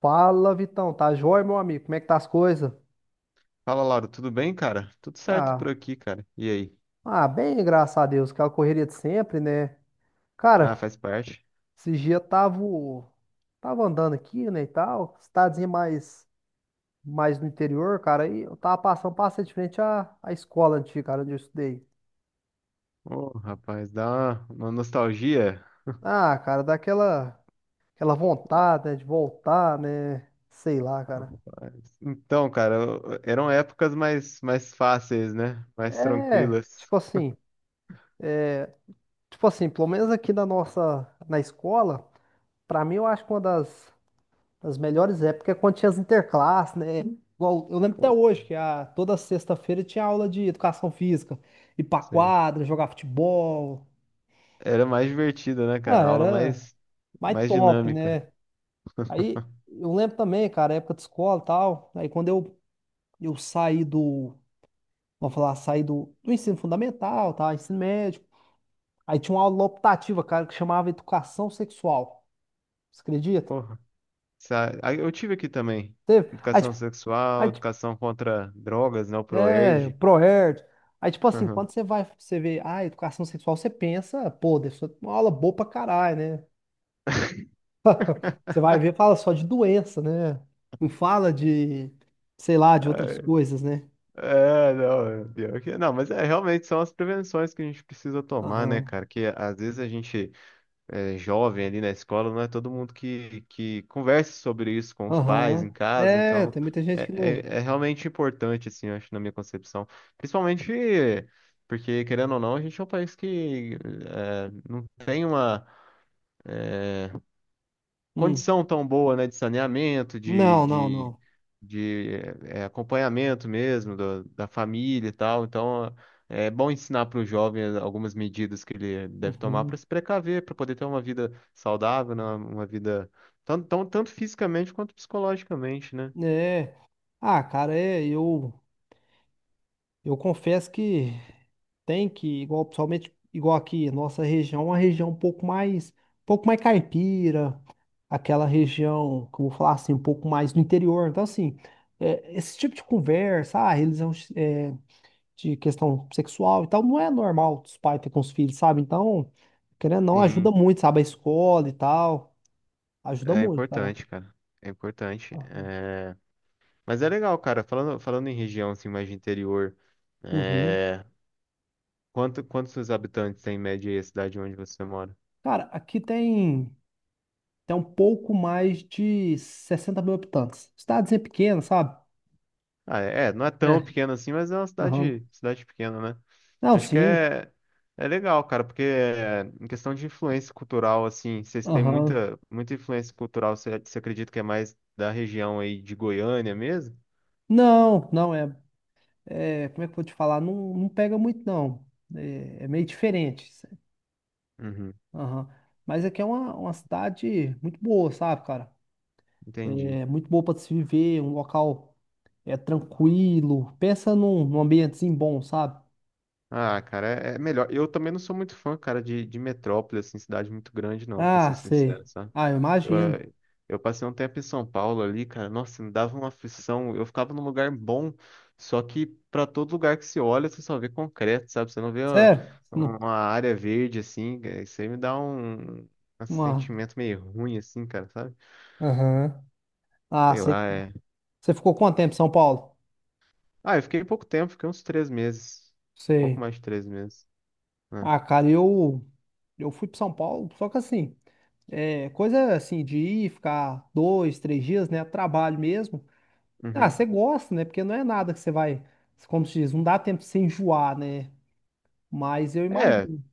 Fala, Vitão. Tá joia, meu amigo? Como é que tá as coisas? Fala, Lauro, tudo bem, cara? Tudo certo por Ah, aqui, cara. E aí? ah, bem, graças a Deus. Aquela correria de sempre, né? Ah, Cara, faz parte. esses dias eu tava andando aqui, né, e tal. Cidadezinha mais no interior, cara. E eu tava passei de frente à escola antiga, cara, onde eu estudei. Ô, rapaz, dá uma nostalgia. Ah, cara, daquela aquela aquela vontade, né, de voltar, né? Sei lá, cara. Rapaz. Então, cara, eram épocas mais fáceis, né? Mais É, tranquilas. tipo assim, pelo menos aqui na escola, pra mim eu acho que uma das As melhores épocas é quando tinha as interclasses, né? Igual, eu lembro até hoje que toda sexta-feira tinha aula de educação física. Ir pra Sei. quadra, jogar futebol. Era mais divertida, né, Ah, cara? A aula era mais, mais mais top, dinâmica. né? Aí eu lembro também, cara, época de escola e tal. Aí quando eu saí do, vamos falar, saí do ensino fundamental, tá? Ensino médio. Aí tinha uma aula optativa, cara, que chamava Educação Sexual. Você acredita? Porra. Aí eu tive aqui também. Teve? Aí, Educação tipo, sexual, aí, educação contra drogas, né? O é, ProErd. ProErd. Aí, tipo assim, quando você vai, você vê, ah, educação sexual, você pensa, pô, deve ser uma aula boa pra caralho, né? Você vai ver, fala só de doença, né? Não fala de, sei lá, de outras coisas, né? É, não, pior que, não, mas é realmente são as prevenções que a gente precisa tomar, né, Aham, cara? Que às vezes a gente é jovem ali na escola, não é todo mundo que conversa sobre isso com os pais aham. em casa, É, então tem muita gente é, que é, não. é realmente importante, assim, eu acho, na minha concepção. Principalmente porque, querendo ou não, a gente é um país que é, não tem uma Hum. condição tão boa, né, de saneamento, de, Não, não, de, não. de acompanhamento mesmo da família e tal. Então, é bom ensinar para o jovem algumas medidas que ele deve tomar para Uhum. se precaver, para poder ter uma vida saudável, né, uma vida tanto fisicamente quanto psicologicamente, né? É. Ah, cara, é, eu confesso que. Tem que, igual, principalmente igual aqui, nossa região, é uma região um pouco mais caipira, aquela região, como eu vou falar assim, um pouco mais do interior. Então, assim, é, esse tipo de conversa, ah, religião é, de questão sexual e tal, não é normal os pais ter com os filhos, sabe? Então, querendo ou não, ajuda Sim, muito, sabe? A escola e tal, ajuda é muito, cara. importante, cara. É importante. Aham. É, mas é legal, cara. Falando em região assim, mais de interior, Uhum. é... quantos seus habitantes tem em média aí a cidade onde você mora? Cara, aqui tem um pouco mais de 60.000 habitantes. Cidadezinha pequena, sabe? Ah, é, não é tão É. pequena assim, mas é uma Aham. cidade, cidade pequena, né? Não, Acho que sim. é legal, cara, porque é, em questão de influência cultural, assim, vocês têm Aham. muita, muita influência cultural, você acredita que é mais da região aí de Goiânia mesmo? Não, não é, é. Como é que eu vou te falar? Não, não pega muito, não. É, é meio diferente, sabe? Uhum, Aham. Mas aqui é uma cidade muito boa, sabe, cara? entendi. É muito boa para se viver, um local é tranquilo. Pensa num ambientezinho bom, sabe? Ah, cara, é melhor. Eu também não sou muito fã, cara, de metrópole, assim, cidade muito grande, não, pra Ah, ser sei. sincero, sabe? Ah, eu imagino. eh, Eu passei um tempo em São Paulo ali, cara. Nossa, me dava uma aflição. Eu ficava num lugar bom, só que para todo lugar que se olha, você só vê concreto, sabe? Você não vê uma, Sério? Uma área verde assim. Isso aí me dá um Uma... sentimento meio ruim, assim, cara, sabe? Aham. Ah, Sei sei. lá, é. Você ficou quanto tempo em São Paulo? Ah, eu fiquei pouco tempo, fiquei uns três meses. Sei. Pouco mais de três meses. Né? Ah, cara, eu fui para São Paulo, só que assim. É, coisa assim de ir, ficar dois, três dias, né? Trabalho mesmo. Ah, você Uhum. gosta, né? Porque não é nada que você vai, como se diz, não dá tempo de se enjoar, né? Mas eu É, imagino.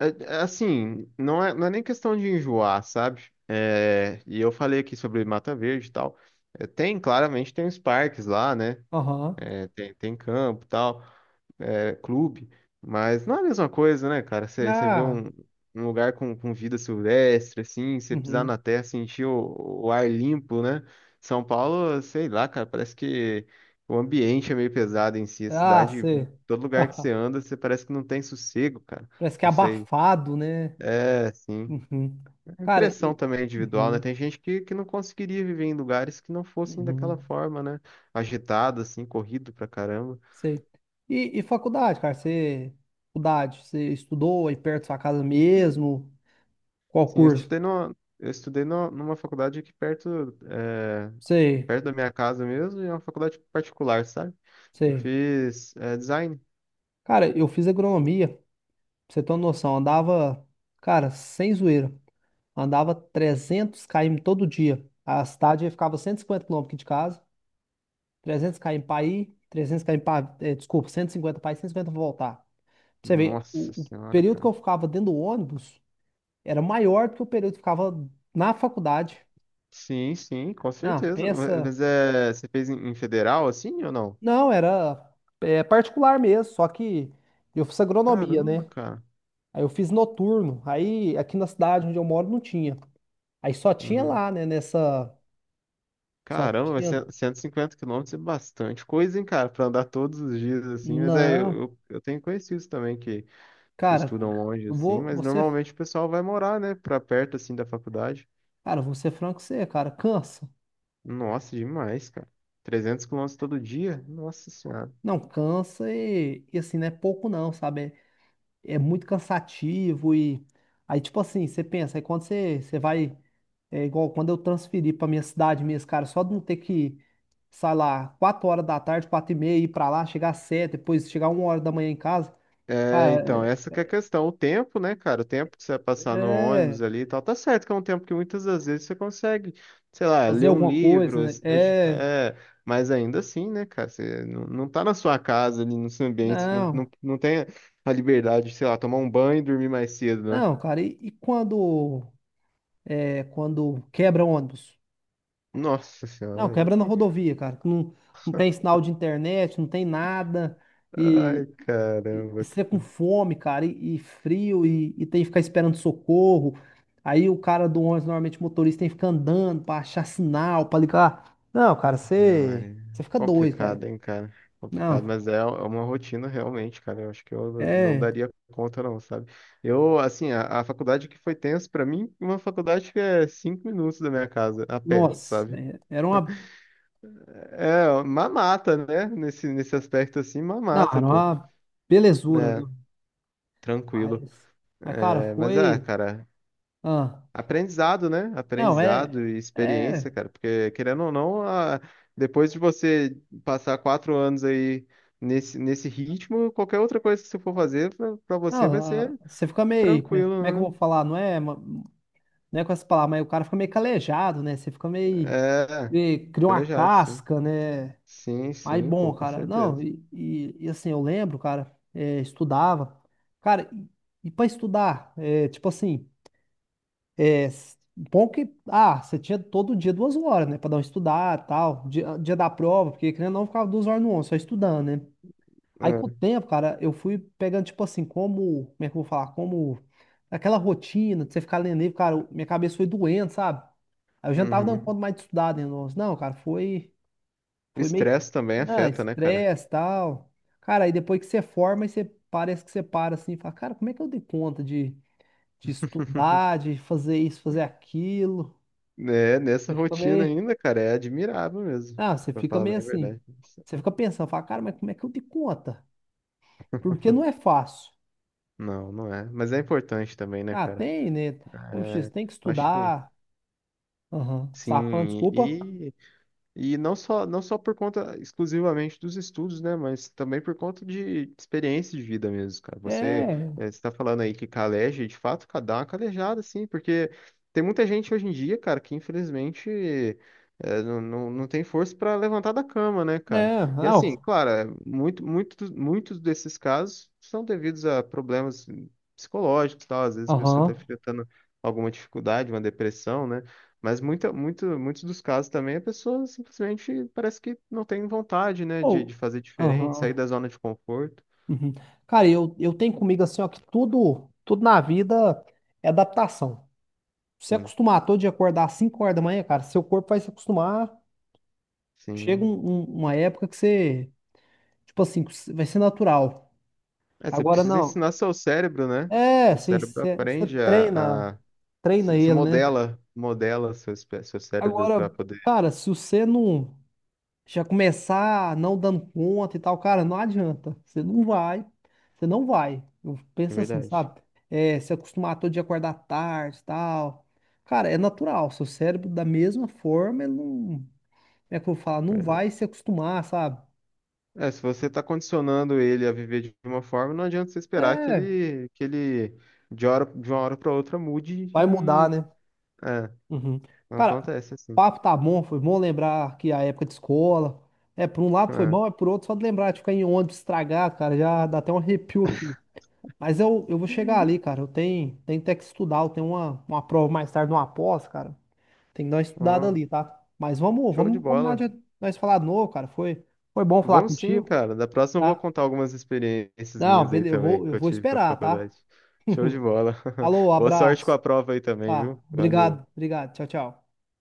É assim, não é nem questão de enjoar, sabe? É, e eu falei aqui sobre Mata Verde e tal. É, tem, claramente, tem os parques lá, né? Aham. É, tem campo e tal, é, clube. Mas não é a mesma coisa, né, cara? Você vê Ah, um lugar com vida silvestre, assim, você pisar uhum. na terra, sentir o ar limpo, né? São Paulo, sei lá, cara, parece que o ambiente é meio pesado em si. A Ah, cidade, você. todo lugar que você anda, você parece que não tem sossego, cara. Parece que é Não sei. abafado, né? É, sim. Uhum. A Cara, impressão e. também é individual, né? Uhum. Tem gente que não conseguiria viver em lugares que não fossem daquela Uhum. forma, né? Agitado, assim, corrido pra caramba. Sei. E faculdade, cara? Você. Faculdade, você estudou aí perto da sua casa mesmo? Qual Sim, curso? Eu estudei numa faculdade aqui perto, é, Sei, perto da minha casa mesmo, e é uma faculdade particular, sabe? Eu sei. fiz, design. Cara, eu fiz agronomia. Pra você ter uma noção, andava, cara, sem zoeira. Andava 300 km todo dia. A cidade ficava 150 km aqui de casa, 300 km para ir, 300 km para, eh, desculpa, 150 para ir, 150 para voltar. Pra você ver, o, Nossa o senhora, período que cara. eu ficava dentro do ônibus era maior do que o período que eu ficava na faculdade. Sim, sim, com Ah, certeza. pensa. Mas é, você fez em federal, assim, ou não? Não, era é particular mesmo, só que eu fiz agronomia, Caramba, né? cara. Aí eu fiz noturno. Aí aqui na cidade onde eu moro não tinha. Aí só tinha Uhum. lá, né? Nessa. Só Caramba, vai tinha. ser 150 quilômetros é bastante coisa, hein, cara, pra andar todos os dias, assim. Mas é, Não, eu tenho conhecidos também que cara, estudam longe, eu assim, vou. mas Você. normalmente o pessoal vai morar, né, pra perto, assim, da faculdade. Cara, eu vou ser franco com você, cara. Cansa. Nossa, demais, cara. 300 quilômetros todo dia? Nossa senhora. Não, cansa e assim, não é pouco não, sabe? É muito cansativo Aí, tipo assim, você pensa, aí quando você vai. É igual quando eu transferi pra minha cidade mesmo, cara, só de não ter que, sei lá, 4 horas da tarde, 4 e meia, ir pra lá, chegar às 7, depois chegar 1 hora da manhã em casa. É, então, Cara, essa que é a questão. O tempo, né, cara? O tempo que você vai passar no é. ônibus é, ali e tal. Tá certo que é um tempo que muitas das vezes você consegue, sei lá, fazer ler um alguma coisa, livro, né? se dedicar. É. É, mas ainda assim, né, cara? Você não, não tá na sua casa ali, no seu ambiente. Você não, não, Não. não tem a liberdade de, sei lá, tomar um banho e dormir mais cedo, né? Não, cara, e quando quando quebra ônibus? Nossa Não, senhora, aí. quebra na rodovia, cara, que não tem sinal de internet, não tem nada, e, Ai, e caramba, você com fome, cara, e frio, e tem que ficar esperando socorro. Aí o cara do ônibus, normalmente o motorista, tem que ficar andando pra achar sinal, pra ligar. Não, cara, não, você, é você fica doido, cara. complicado, hein, cara? Complicado, Não, mas é uma rotina realmente, cara. Eu acho que eu não é. daria conta, não, sabe? Eu, assim, a faculdade que foi tenso pra mim, uma faculdade que é cinco minutos da minha casa, a pé, Nossa, sabe? é- era uma. É, mamata, né? Nesse aspecto, assim, Não, mamata, era pô. uma belezura, né? É, tranquilo. Mas, mas, cara, É, mas, ah, foi. cara. Ah. Aprendizado, né? Não, é. Aprendizado e experiência, É. cara, porque querendo ou não, depois de você passar quatro anos aí nesse ritmo, qualquer outra coisa que você for fazer pra você vai Não, ser você fica meio. Como é que eu tranquilo, né? vou falar? Não é, não é com essa palavra, mas o cara fica meio calejado, né? Você fica É, cria uma calejado, sim. casca, né? Sim, Mas sim, bom, pô, com cara. Não, certeza. e assim, eu lembro, cara, é, estudava. Cara, e pra estudar? É, tipo assim, é, bom que. Ah, você tinha todo dia 2 horas, né? Pra dar uma estudada e tal. Dia da prova, porque querendo ou não, eu ficava 2 horas no ônibus, só estudando, né? Aí com o É, tempo, cara, eu fui pegando, tipo assim, como é que eu vou falar? Como aquela rotina de você ficar lendo livro, cara, minha cabeça foi doendo, sabe? Aí eu já não tava dando uhum. conta mais de estudar, né? Nossa. Não, cara, foi, O foi meio, estresse também não, afeta, né, cara? estresse e tal. Cara, aí depois que você forma, aí você parece que você para assim, e fala, cara, como é que eu dei conta de estudar, de fazer isso, fazer aquilo? É, nessa Você fica rotina meio, ainda, cara, é admirável mesmo, ah, você pra fica falar meio bem a assim, verdade. você fica pensando, fala, cara, mas como é que eu dei conta? Porque não é fácil. Não, não é. Mas é importante também, né, Ah, cara? tem, né? Como É, X, tem que eu acho que. estudar. Aham. Você tava falando, Sim, desculpa. e não só, não só por conta exclusivamente dos estudos, né, mas também por conta de experiência de vida mesmo, cara. Você É, está falando aí que caleja, e de fato, dá uma calejada, assim, porque tem muita gente hoje em dia, cara, que infelizmente não, não, não tem força para levantar da cama, né, cara? é, E assim, não. claro, é, muitos desses casos são devidos a problemas psicológicos, e tal, às vezes a pessoa está Aham. enfrentando alguma dificuldade, uma depressão, né? Mas muitos dos casos também a pessoa simplesmente parece que não tem vontade, né, Ou, de fazer diferente, sair aham. da zona de conforto. Uhum. Cara, eu tenho comigo assim, ó, que tudo, tudo na vida é adaptação. Se você Sim, acostumar todo dia acordar às 5 horas da manhã, cara, seu corpo vai se acostumar. Chega sim. Uma época que você, tipo assim, que vai ser natural. É, você Agora precisa não. ensinar seu cérebro, né? É, O você, cérebro você você aprende a, treina, a treina se ele, né? Modela seu cérebro para Agora, poder. cara, se você não já começar não dando conta e tal, cara, não adianta. Você não vai, você não vai. Eu É penso assim, verdade, sabe? É, se acostumar todo dia a acordar tarde e tal. Cara, é natural. Seu cérebro, da mesma forma, ele não. Como é que eu vou falar? é Não verdade. vai se acostumar, sabe? É, se você está condicionando ele a viver de uma forma, não adianta você esperar que É, ele, de uma hora para outra mude vai mudar, e. né? É, Uhum. não Cara, acontece assim. papo tá bom, foi bom lembrar que a época de escola. É, por um lado foi É. bom, é por outro, só de lembrar de ficar em ônibus estragado, cara, já dá até um arrepio aqui. Mas eu vou chegar ali, cara. Eu tenho até que estudar. Eu tenho uma prova mais tarde, uma pós, cara. Tem que dar uma estudada Ó. ali, tá? Mas vamos, Show de vamos combinar bola. de nós falar de novo, cara. Foi bom falar Vamos sim, contigo, cara. Da próxima eu vou tá? contar algumas experiências Não, minhas aí beleza. Eu também, vou, que eu eu vou tive com a esperar, tá? faculdade. Show de bola. Alô, Boa sorte com abraço. a prova aí também, Tá, viu? Valeu. obrigado, obrigado. Tchau, tchau.